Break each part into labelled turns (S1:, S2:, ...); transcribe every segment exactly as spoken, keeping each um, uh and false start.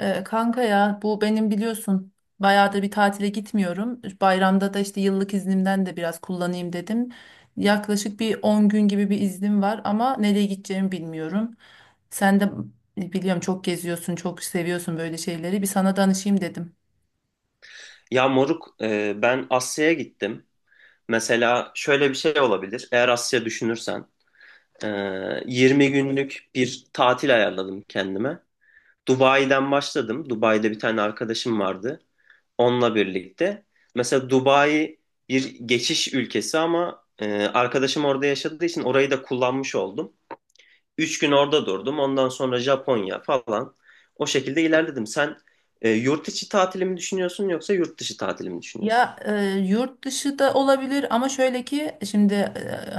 S1: Ee, kanka ya, bu benim, biliyorsun bayağıdır bir tatile gitmiyorum. Bayramda da işte yıllık iznimden de biraz kullanayım dedim. Yaklaşık bir on gün gibi bir iznim var ama nereye gideceğimi bilmiyorum. Sen de biliyorum çok geziyorsun, çok seviyorsun böyle şeyleri. Bir sana danışayım dedim.
S2: Ya moruk, e, ben Asya'ya gittim. Mesela şöyle bir şey olabilir. Eğer Asya düşünürsen, e, yirmi günlük bir tatil ayarladım kendime. Dubai'den başladım. Dubai'de bir tane arkadaşım vardı. Onunla birlikte. Mesela Dubai bir geçiş ülkesi ama e, arkadaşım orada yaşadığı için orayı da kullanmış oldum. üç gün orada durdum. Ondan sonra Japonya falan. O şekilde ilerledim. Sen e, yurt içi tatilimi düşünüyorsun yoksa yurt dışı tatilimi düşünüyorsun?
S1: Ya e, yurt dışı da olabilir ama şöyle ki şimdi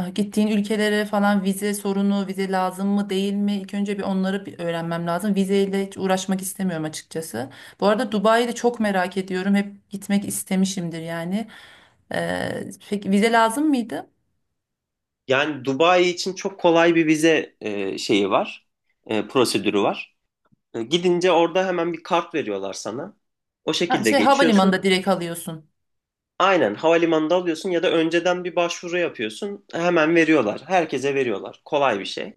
S1: e, gittiğin ülkelere falan vize sorunu, vize lazım mı değil mi? İlk önce bir onları bir öğrenmem lazım. Vizeyle hiç uğraşmak istemiyorum açıkçası. Bu arada Dubai'yi de çok merak ediyorum. Hep gitmek istemişimdir yani. E, peki vize lazım mıydı?
S2: Yani Dubai için çok kolay bir vize e, şeyi var, e, prosedürü var. E, gidince orada hemen bir kart veriyorlar sana. O
S1: Ha,
S2: şekilde
S1: şey
S2: geçiyorsun.
S1: havalimanında direkt alıyorsun.
S2: Aynen havalimanında alıyorsun ya da önceden bir başvuru yapıyorsun. Hemen veriyorlar. Herkese veriyorlar. Kolay bir şey.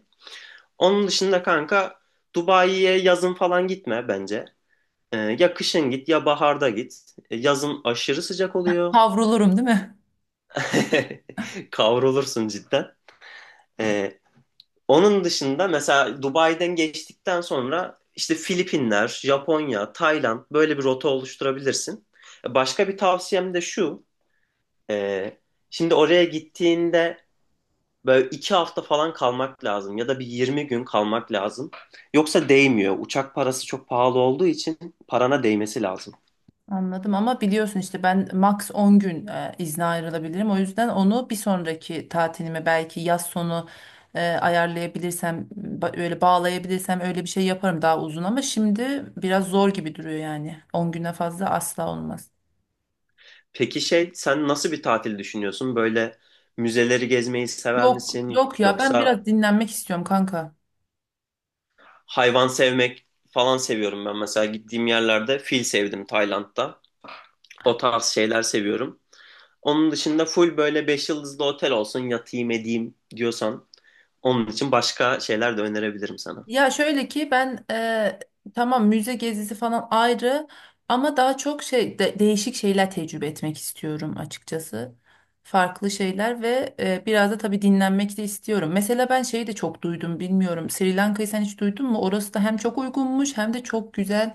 S2: Onun dışında kanka Dubai'ye yazın falan gitme bence. E, ya kışın git ya baharda git. E, yazın aşırı sıcak oluyor.
S1: Kavrulurum değil mi?
S2: Kavrulursun cidden. E, Onun dışında mesela Dubai'den geçtikten sonra işte Filipinler, Japonya, Tayland böyle bir rota oluşturabilirsin. Başka bir tavsiyem de şu. e, Şimdi oraya gittiğinde böyle iki hafta falan kalmak lazım ya da bir yirmi gün kalmak lazım. Yoksa değmiyor. Uçak parası çok pahalı olduğu için parana değmesi lazım.
S1: Anladım ama biliyorsun işte ben max on gün e, izne ayrılabilirim. O yüzden onu bir sonraki tatilime belki yaz sonu e, ayarlayabilirsem, ba- öyle bağlayabilirsem öyle bir şey yaparım, daha uzun, ama şimdi biraz zor gibi duruyor yani. ona güne fazla asla olmaz.
S2: Peki şey sen nasıl bir tatil düşünüyorsun? Böyle müzeleri gezmeyi sever
S1: Yok
S2: misin?
S1: yok, ya ben
S2: Yoksa
S1: biraz dinlenmek istiyorum kanka.
S2: hayvan sevmek falan seviyorum ben. Mesela gittiğim yerlerde fil sevdim Tayland'da. O tarz şeyler seviyorum. Onun dışında full böyle beş yıldızlı otel olsun yatayım edeyim diyorsan onun için başka şeyler de önerebilirim sana.
S1: Ya şöyle ki ben e, tamam, müze gezisi falan ayrı, ama daha çok şey de- değişik şeyler tecrübe etmek istiyorum açıkçası. Farklı şeyler, ve e, biraz da tabii dinlenmek de istiyorum. Mesela ben şeyi de çok duydum, bilmiyorum. Sri Lanka'yı sen hiç duydun mu? Orası da hem çok uygunmuş hem de çok güzel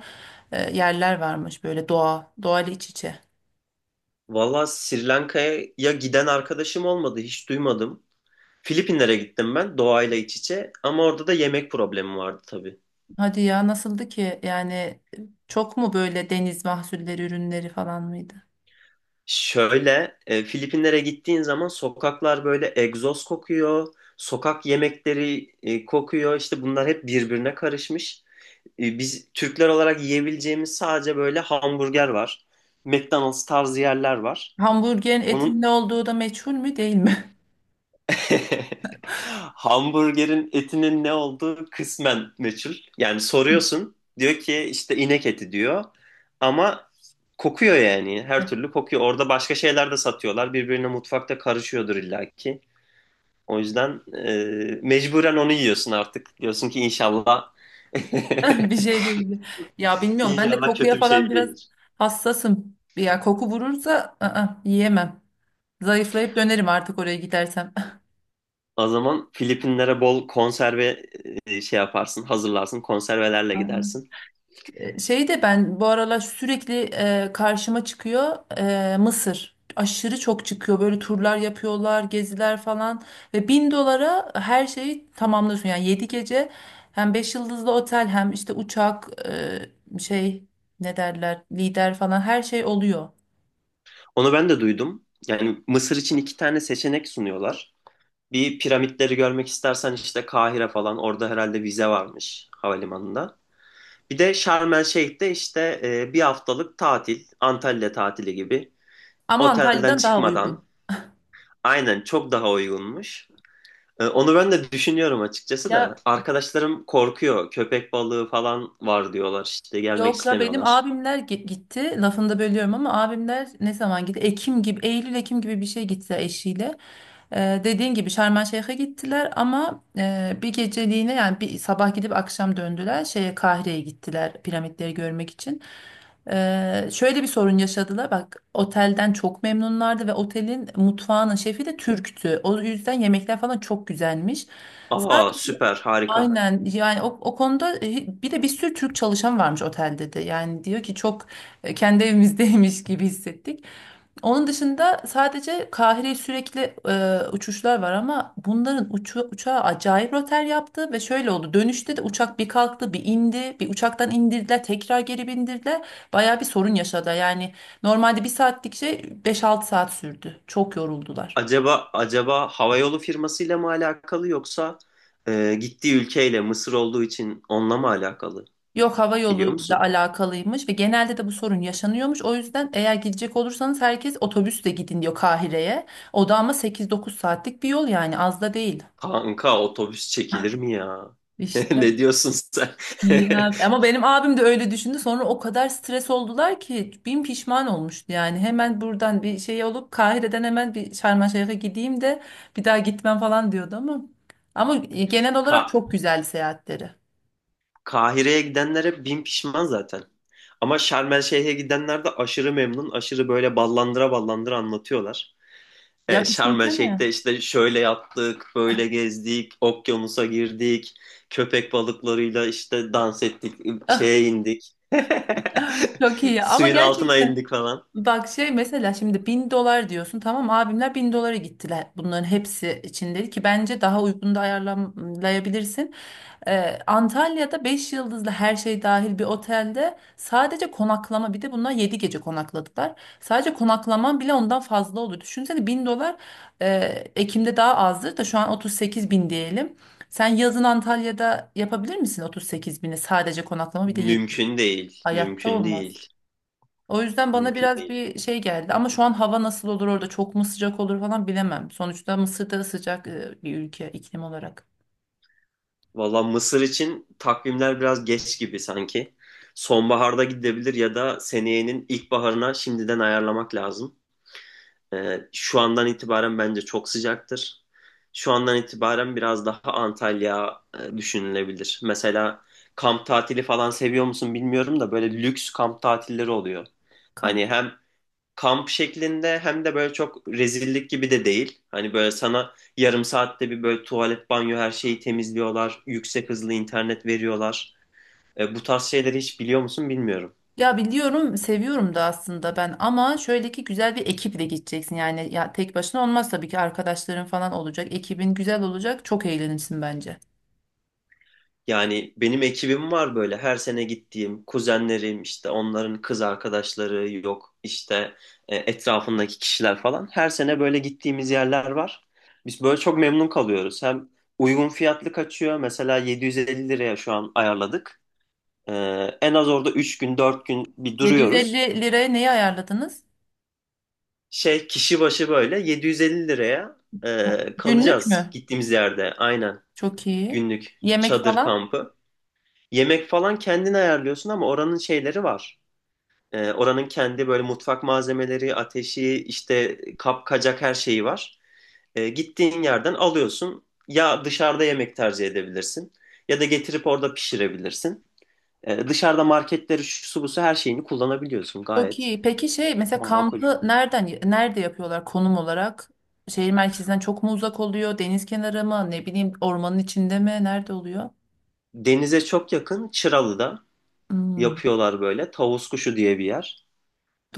S1: e, yerler varmış, böyle doğa, doğal iç içe.
S2: Valla Sri Lanka'ya giden arkadaşım olmadı hiç duymadım. Filipinlere gittim ben doğayla iç içe ama orada da yemek problemi vardı tabii.
S1: Hadi ya, nasıldı ki? Yani e, çok mu böyle deniz mahsulleri ürünleri falan mıydı?
S2: Şöyle, e, Filipinlere gittiğin zaman sokaklar böyle egzoz kokuyor, sokak yemekleri e, kokuyor. İşte bunlar hep birbirine karışmış. E, biz Türkler olarak yiyebileceğimiz sadece böyle hamburger var. McDonald's tarzı yerler var.
S1: Hamburgerin
S2: Onun
S1: etin ne olduğu da meçhul mü değil mi?
S2: Hamburgerin etinin ne olduğu kısmen meçhul. Yani soruyorsun diyor ki işte inek eti diyor ama kokuyor yani her türlü kokuyor. Orada başka şeyler de satıyorlar birbirine mutfakta karışıyordur illaki. O yüzden e, mecburen onu yiyorsun artık. Diyorsun ki inşallah
S1: Bir şey değildi. Ya bilmiyorum, ben de
S2: inşallah
S1: kokuya
S2: kötü bir
S1: falan
S2: şey
S1: biraz
S2: değildir.
S1: hassasım. Ya koku vurursa ı-ı, yiyemem. Zayıflayıp dönerim artık oraya gidersem.
S2: O zaman Filipinlere bol konserve e, şey yaparsın, hazırlarsın, konservelerle
S1: Aynen.
S2: gidersin.
S1: E, Şey de ben bu aralar sürekli e, karşıma çıkıyor, e, Mısır. Aşırı çok çıkıyor. Böyle turlar yapıyorlar, geziler falan. Ve bin dolara her şeyi tamamlıyorsun. Yani yedi gece hem beş yıldızlı otel hem işte uçak, e, şey ne derler, lider falan, her şey oluyor.
S2: Onu ben de duydum. Yani Mısır için iki tane seçenek sunuyorlar. Bir piramitleri görmek istersen işte Kahire falan orada herhalde vize varmış havalimanında. Bir de Şarm El Şeyh'te işte e, bir haftalık tatil, Antalya tatili gibi.
S1: Ama
S2: Otelden
S1: Antalya'dan daha
S2: çıkmadan
S1: uygun.
S2: aynen çok daha uygunmuş. E, onu ben de düşünüyorum açıkçası da.
S1: Ya
S2: Arkadaşlarım korkuyor. Köpek balığı falan var diyorlar işte gelmek
S1: yok la, benim
S2: istemiyorlar.
S1: abimler gi- gitti. Lafını da bölüyorum ama, abimler ne zaman gitti? Ekim gibi, Eylül Ekim gibi bir şey gitti eşiyle. Ee, dediğin gibi Şarm Şeyh'e gittiler ama e, bir geceliğine, yani bir sabah gidip akşam döndüler. Şeye, Kahire'ye gittiler piramitleri görmek için. Ee, şöyle bir sorun yaşadılar. Bak, otelden çok memnunlardı ve otelin mutfağının şefi de Türktü. O yüzden yemekler falan çok güzelmiş.
S2: Aa, süper harika.
S1: Aynen, yani o, o konuda, e, bir de bir sürü Türk çalışan varmış otelde, de yani diyor ki çok e, kendi evimizdeymiş gibi hissettik. Onun dışında sadece Kahire'ye sürekli e, uçuşlar var, ama bunların uçu, uçağı acayip rötar yaptı ve şöyle oldu: dönüşte de uçak bir kalktı bir indi, bir uçaktan indirdiler tekrar geri bindirdiler, baya bir sorun yaşadı yani. Normalde bir saatlik şey beş altı saat sürdü, çok yoruldular.
S2: Acaba acaba havayolu firmasıyla mı alakalı yoksa e, gittiği ülkeyle Mısır olduğu için onunla mı alakalı?
S1: Yok, hava
S2: Biliyor
S1: yoluyla
S2: musun?
S1: alakalıymış ve genelde de bu sorun yaşanıyormuş. O yüzden eğer gidecek olursanız herkes otobüsle gidin diyor Kahire'ye. O da ama sekiz dokuz saatlik bir yol, yani az da değil.
S2: Kanka otobüs çekilir mi ya?
S1: İşte.
S2: Ne diyorsun sen?
S1: Ya. Ama benim abim de öyle düşündü. Sonra o kadar stres oldular ki bin pişman olmuştu yani. Hemen buradan bir şey olup Kahire'den hemen bir Şarm El Şeyh'e gideyim de bir daha gitmem falan diyordu ama. Ama e, genel olarak
S2: Ka
S1: çok güzel seyahatleri.
S2: Kahire'ye gidenlere bin pişman zaten. Ama Şarm El Şeyh'e gidenler de aşırı memnun, aşırı böyle ballandıra ballandıra anlatıyorlar. E,
S1: Ya
S2: Şarm El
S1: düşünsene.
S2: Şeyh'te işte şöyle yaptık, böyle gezdik, okyanusa girdik, köpek balıklarıyla işte dans ettik,
S1: Ah,
S2: şeye indik.
S1: çok iyi ama
S2: Suyun altına
S1: gerçekten.
S2: indik falan.
S1: Bak, şey mesela şimdi bin dolar diyorsun, tamam abimler bin dolara gittiler, bunların hepsi için dedi ki bence daha uygun da ayarlayabilirsin. Ee, Antalya'da beş yıldızlı her şey dahil bir otelde sadece konaklama, bir de bunlar yedi gece konakladılar. Sadece konaklaman bile ondan fazla olur. Düşünsene, bin dolar, e, Ekim'de daha azdır da şu an otuz sekiz bin diyelim. Sen yazın Antalya'da yapabilir misin otuz sekiz bini sadece konaklama, bir de yedi...
S2: Mümkün değil,
S1: Hayatta
S2: mümkün
S1: olmaz.
S2: değil,
S1: O yüzden bana
S2: mümkün
S1: biraz
S2: değil.
S1: bir şey geldi ama şu an hava nasıl olur orada, çok mu sıcak olur falan bilemem. Sonuçta Mısır da sıcak e, bir ülke iklim olarak.
S2: Valla Mısır için takvimler biraz geç gibi sanki. Sonbaharda gidebilir ya da seneyenin ilkbaharına şimdiden ayarlamak lazım. Ee, şu andan itibaren bence çok sıcaktır. Şu andan itibaren biraz daha Antalya e, düşünülebilir. Mesela kamp tatili falan seviyor musun bilmiyorum da böyle lüks kamp tatilleri oluyor.
S1: Ka-
S2: Hani hem kamp şeklinde hem de böyle çok rezillik gibi de değil. Hani böyle sana yarım saatte bir böyle tuvalet, banyo her şeyi temizliyorlar. Yüksek hızlı internet veriyorlar. E, bu tarz şeyleri hiç biliyor musun bilmiyorum.
S1: Ya biliyorum, seviyorum da aslında ben, ama şöyle ki güzel bir ekiple gideceksin yani, ya tek başına olmaz tabii ki, arkadaşların falan olacak, ekibin güzel olacak, çok eğlenirsin bence.
S2: Yani benim ekibim var böyle her sene gittiğim kuzenlerim işte onların kız arkadaşları yok işte e, etrafındaki kişiler falan her sene böyle gittiğimiz yerler var. Biz böyle çok memnun kalıyoruz. Hem uygun fiyatlı kaçıyor, mesela yedi yüz elli liraya şu an ayarladık. E, En az orada üç gün dört gün bir duruyoruz.
S1: yedi yüz elli liraya neyi ayarladınız?
S2: Şey, kişi başı böyle yedi yüz elli liraya e,
S1: Günlük
S2: kalacağız
S1: mü?
S2: gittiğimiz yerde, aynen,
S1: Çok iyi.
S2: günlük
S1: Yemek
S2: çadır
S1: falan?
S2: kampı. Yemek falan kendin ayarlıyorsun ama oranın şeyleri var. Ee, oranın kendi böyle mutfak malzemeleri, ateşi, işte kap kacak her şeyi var. Ee, gittiğin yerden alıyorsun. Ya dışarıda yemek tercih edebilirsin ya da getirip orada pişirebilirsin. Ee, dışarıda marketleri, şu su bu su her şeyini kullanabiliyorsun,
S1: Çok
S2: gayet
S1: iyi. Peki, şey mesela
S2: makul.
S1: kampı nereden nerede yapıyorlar konum olarak? Şehir merkezinden çok mu uzak oluyor? Deniz kenarı mı? Ne bileyim, ormanın içinde mi? Nerede oluyor?
S2: Denize çok yakın Çıralı'da
S1: Hmm,
S2: yapıyorlar böyle. Tavus kuşu diye bir yer.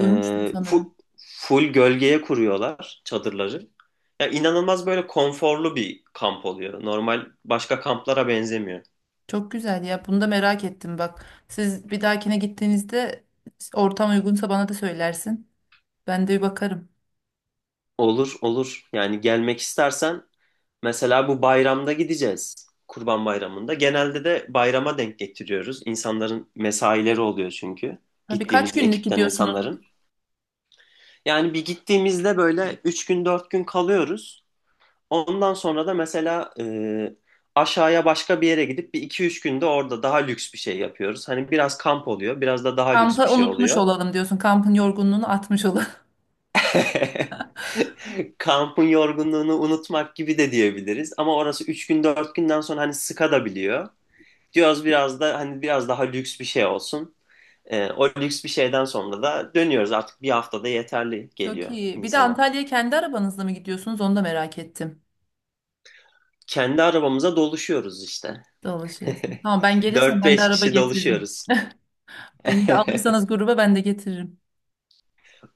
S2: Ee,
S1: sanırım.
S2: fu- full gölgeye kuruyorlar çadırları. Ya inanılmaz böyle konforlu bir kamp oluyor. Normal başka kamplara benzemiyor.
S1: Çok güzel ya. Bunu da merak ettim bak. Siz bir dahakine gittiğinizde, ortam uygunsa bana da söylersin. Ben de bir bakarım.
S2: Olur, olur. Yani gelmek istersen mesela bu bayramda gideceğiz. Kurban Bayramı'nda. Genelde de bayrama denk getiriyoruz. İnsanların mesaileri oluyor çünkü.
S1: Tabii, kaç
S2: Gittiğimiz
S1: günlük
S2: ekipten
S1: gidiyorsunuz?
S2: insanların. Yani bir gittiğimizde böyle üç gün dört gün kalıyoruz. Ondan sonra da mesela e, aşağıya başka bir yere gidip bir iki üç günde orada daha lüks bir şey yapıyoruz. Hani biraz kamp oluyor, biraz da daha lüks bir
S1: Kampı
S2: şey
S1: unutmuş
S2: oluyor.
S1: olalım diyorsun. Kampın yorgunluğunu atmış olalım.
S2: Kampın yorgunluğunu unutmak gibi de diyebiliriz. Ama orası üç gün dört günden sonra hani sıkadabiliyor. Diyoruz biraz da hani biraz daha lüks bir şey olsun. E, o lüks bir şeyden sonra da dönüyoruz, artık bir haftada yeterli
S1: Çok
S2: geliyor
S1: iyi. Bir de
S2: insana.
S1: Antalya'ya kendi arabanızla mı gidiyorsunuz? Onu da merak ettim.
S2: Kendi arabamıza doluşuyoruz işte.
S1: Dolaşıyorsun. Tamam, ben gelirsem
S2: Dört
S1: ben de
S2: beş
S1: araba
S2: kişi
S1: getiririm.
S2: doluşuyoruz.
S1: Beni de alırsanız gruba, ben de getiririm.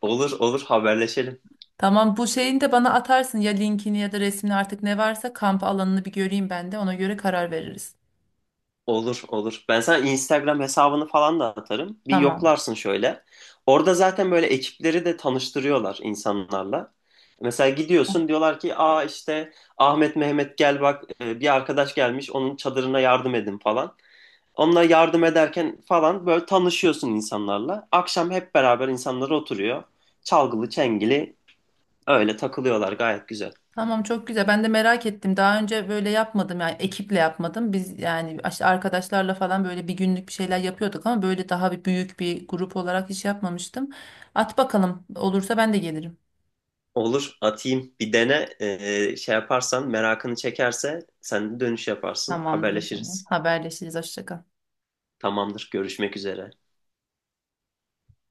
S2: Olur, olur, haberleşelim.
S1: Tamam, bu şeyin de bana atarsın, ya linkini ya da resmini, artık ne varsa kamp alanını bir göreyim, ben de ona göre karar veririz.
S2: Olur, olur. Ben sana Instagram hesabını falan da atarım. Bir
S1: Tamam.
S2: yoklarsın şöyle. Orada zaten böyle ekipleri de tanıştırıyorlar insanlarla. Mesela gidiyorsun diyorlar ki aa işte Ahmet Mehmet gel bak e, bir arkadaş gelmiş onun çadırına yardım edin falan. Onunla yardım ederken falan böyle tanışıyorsun insanlarla. Akşam hep beraber insanlar oturuyor. Çalgılı çengili öyle takılıyorlar, gayet güzel.
S1: Tamam, çok güzel. Ben de merak ettim. Daha önce böyle yapmadım, yani ekiple yapmadım. Biz yani işte arkadaşlarla falan böyle bir günlük bir şeyler yapıyorduk, ama böyle daha bir büyük bir grup olarak hiç yapmamıştım. At bakalım. Olursa ben de gelirim.
S2: Olur, atayım, bir dene. Ee, şey yaparsan, merakını çekerse sen de dönüş yaparsın,
S1: Tamamdır o zaman.
S2: haberleşiriz.
S1: Haberleşiriz. Hoşça kal.
S2: Tamamdır, görüşmek üzere.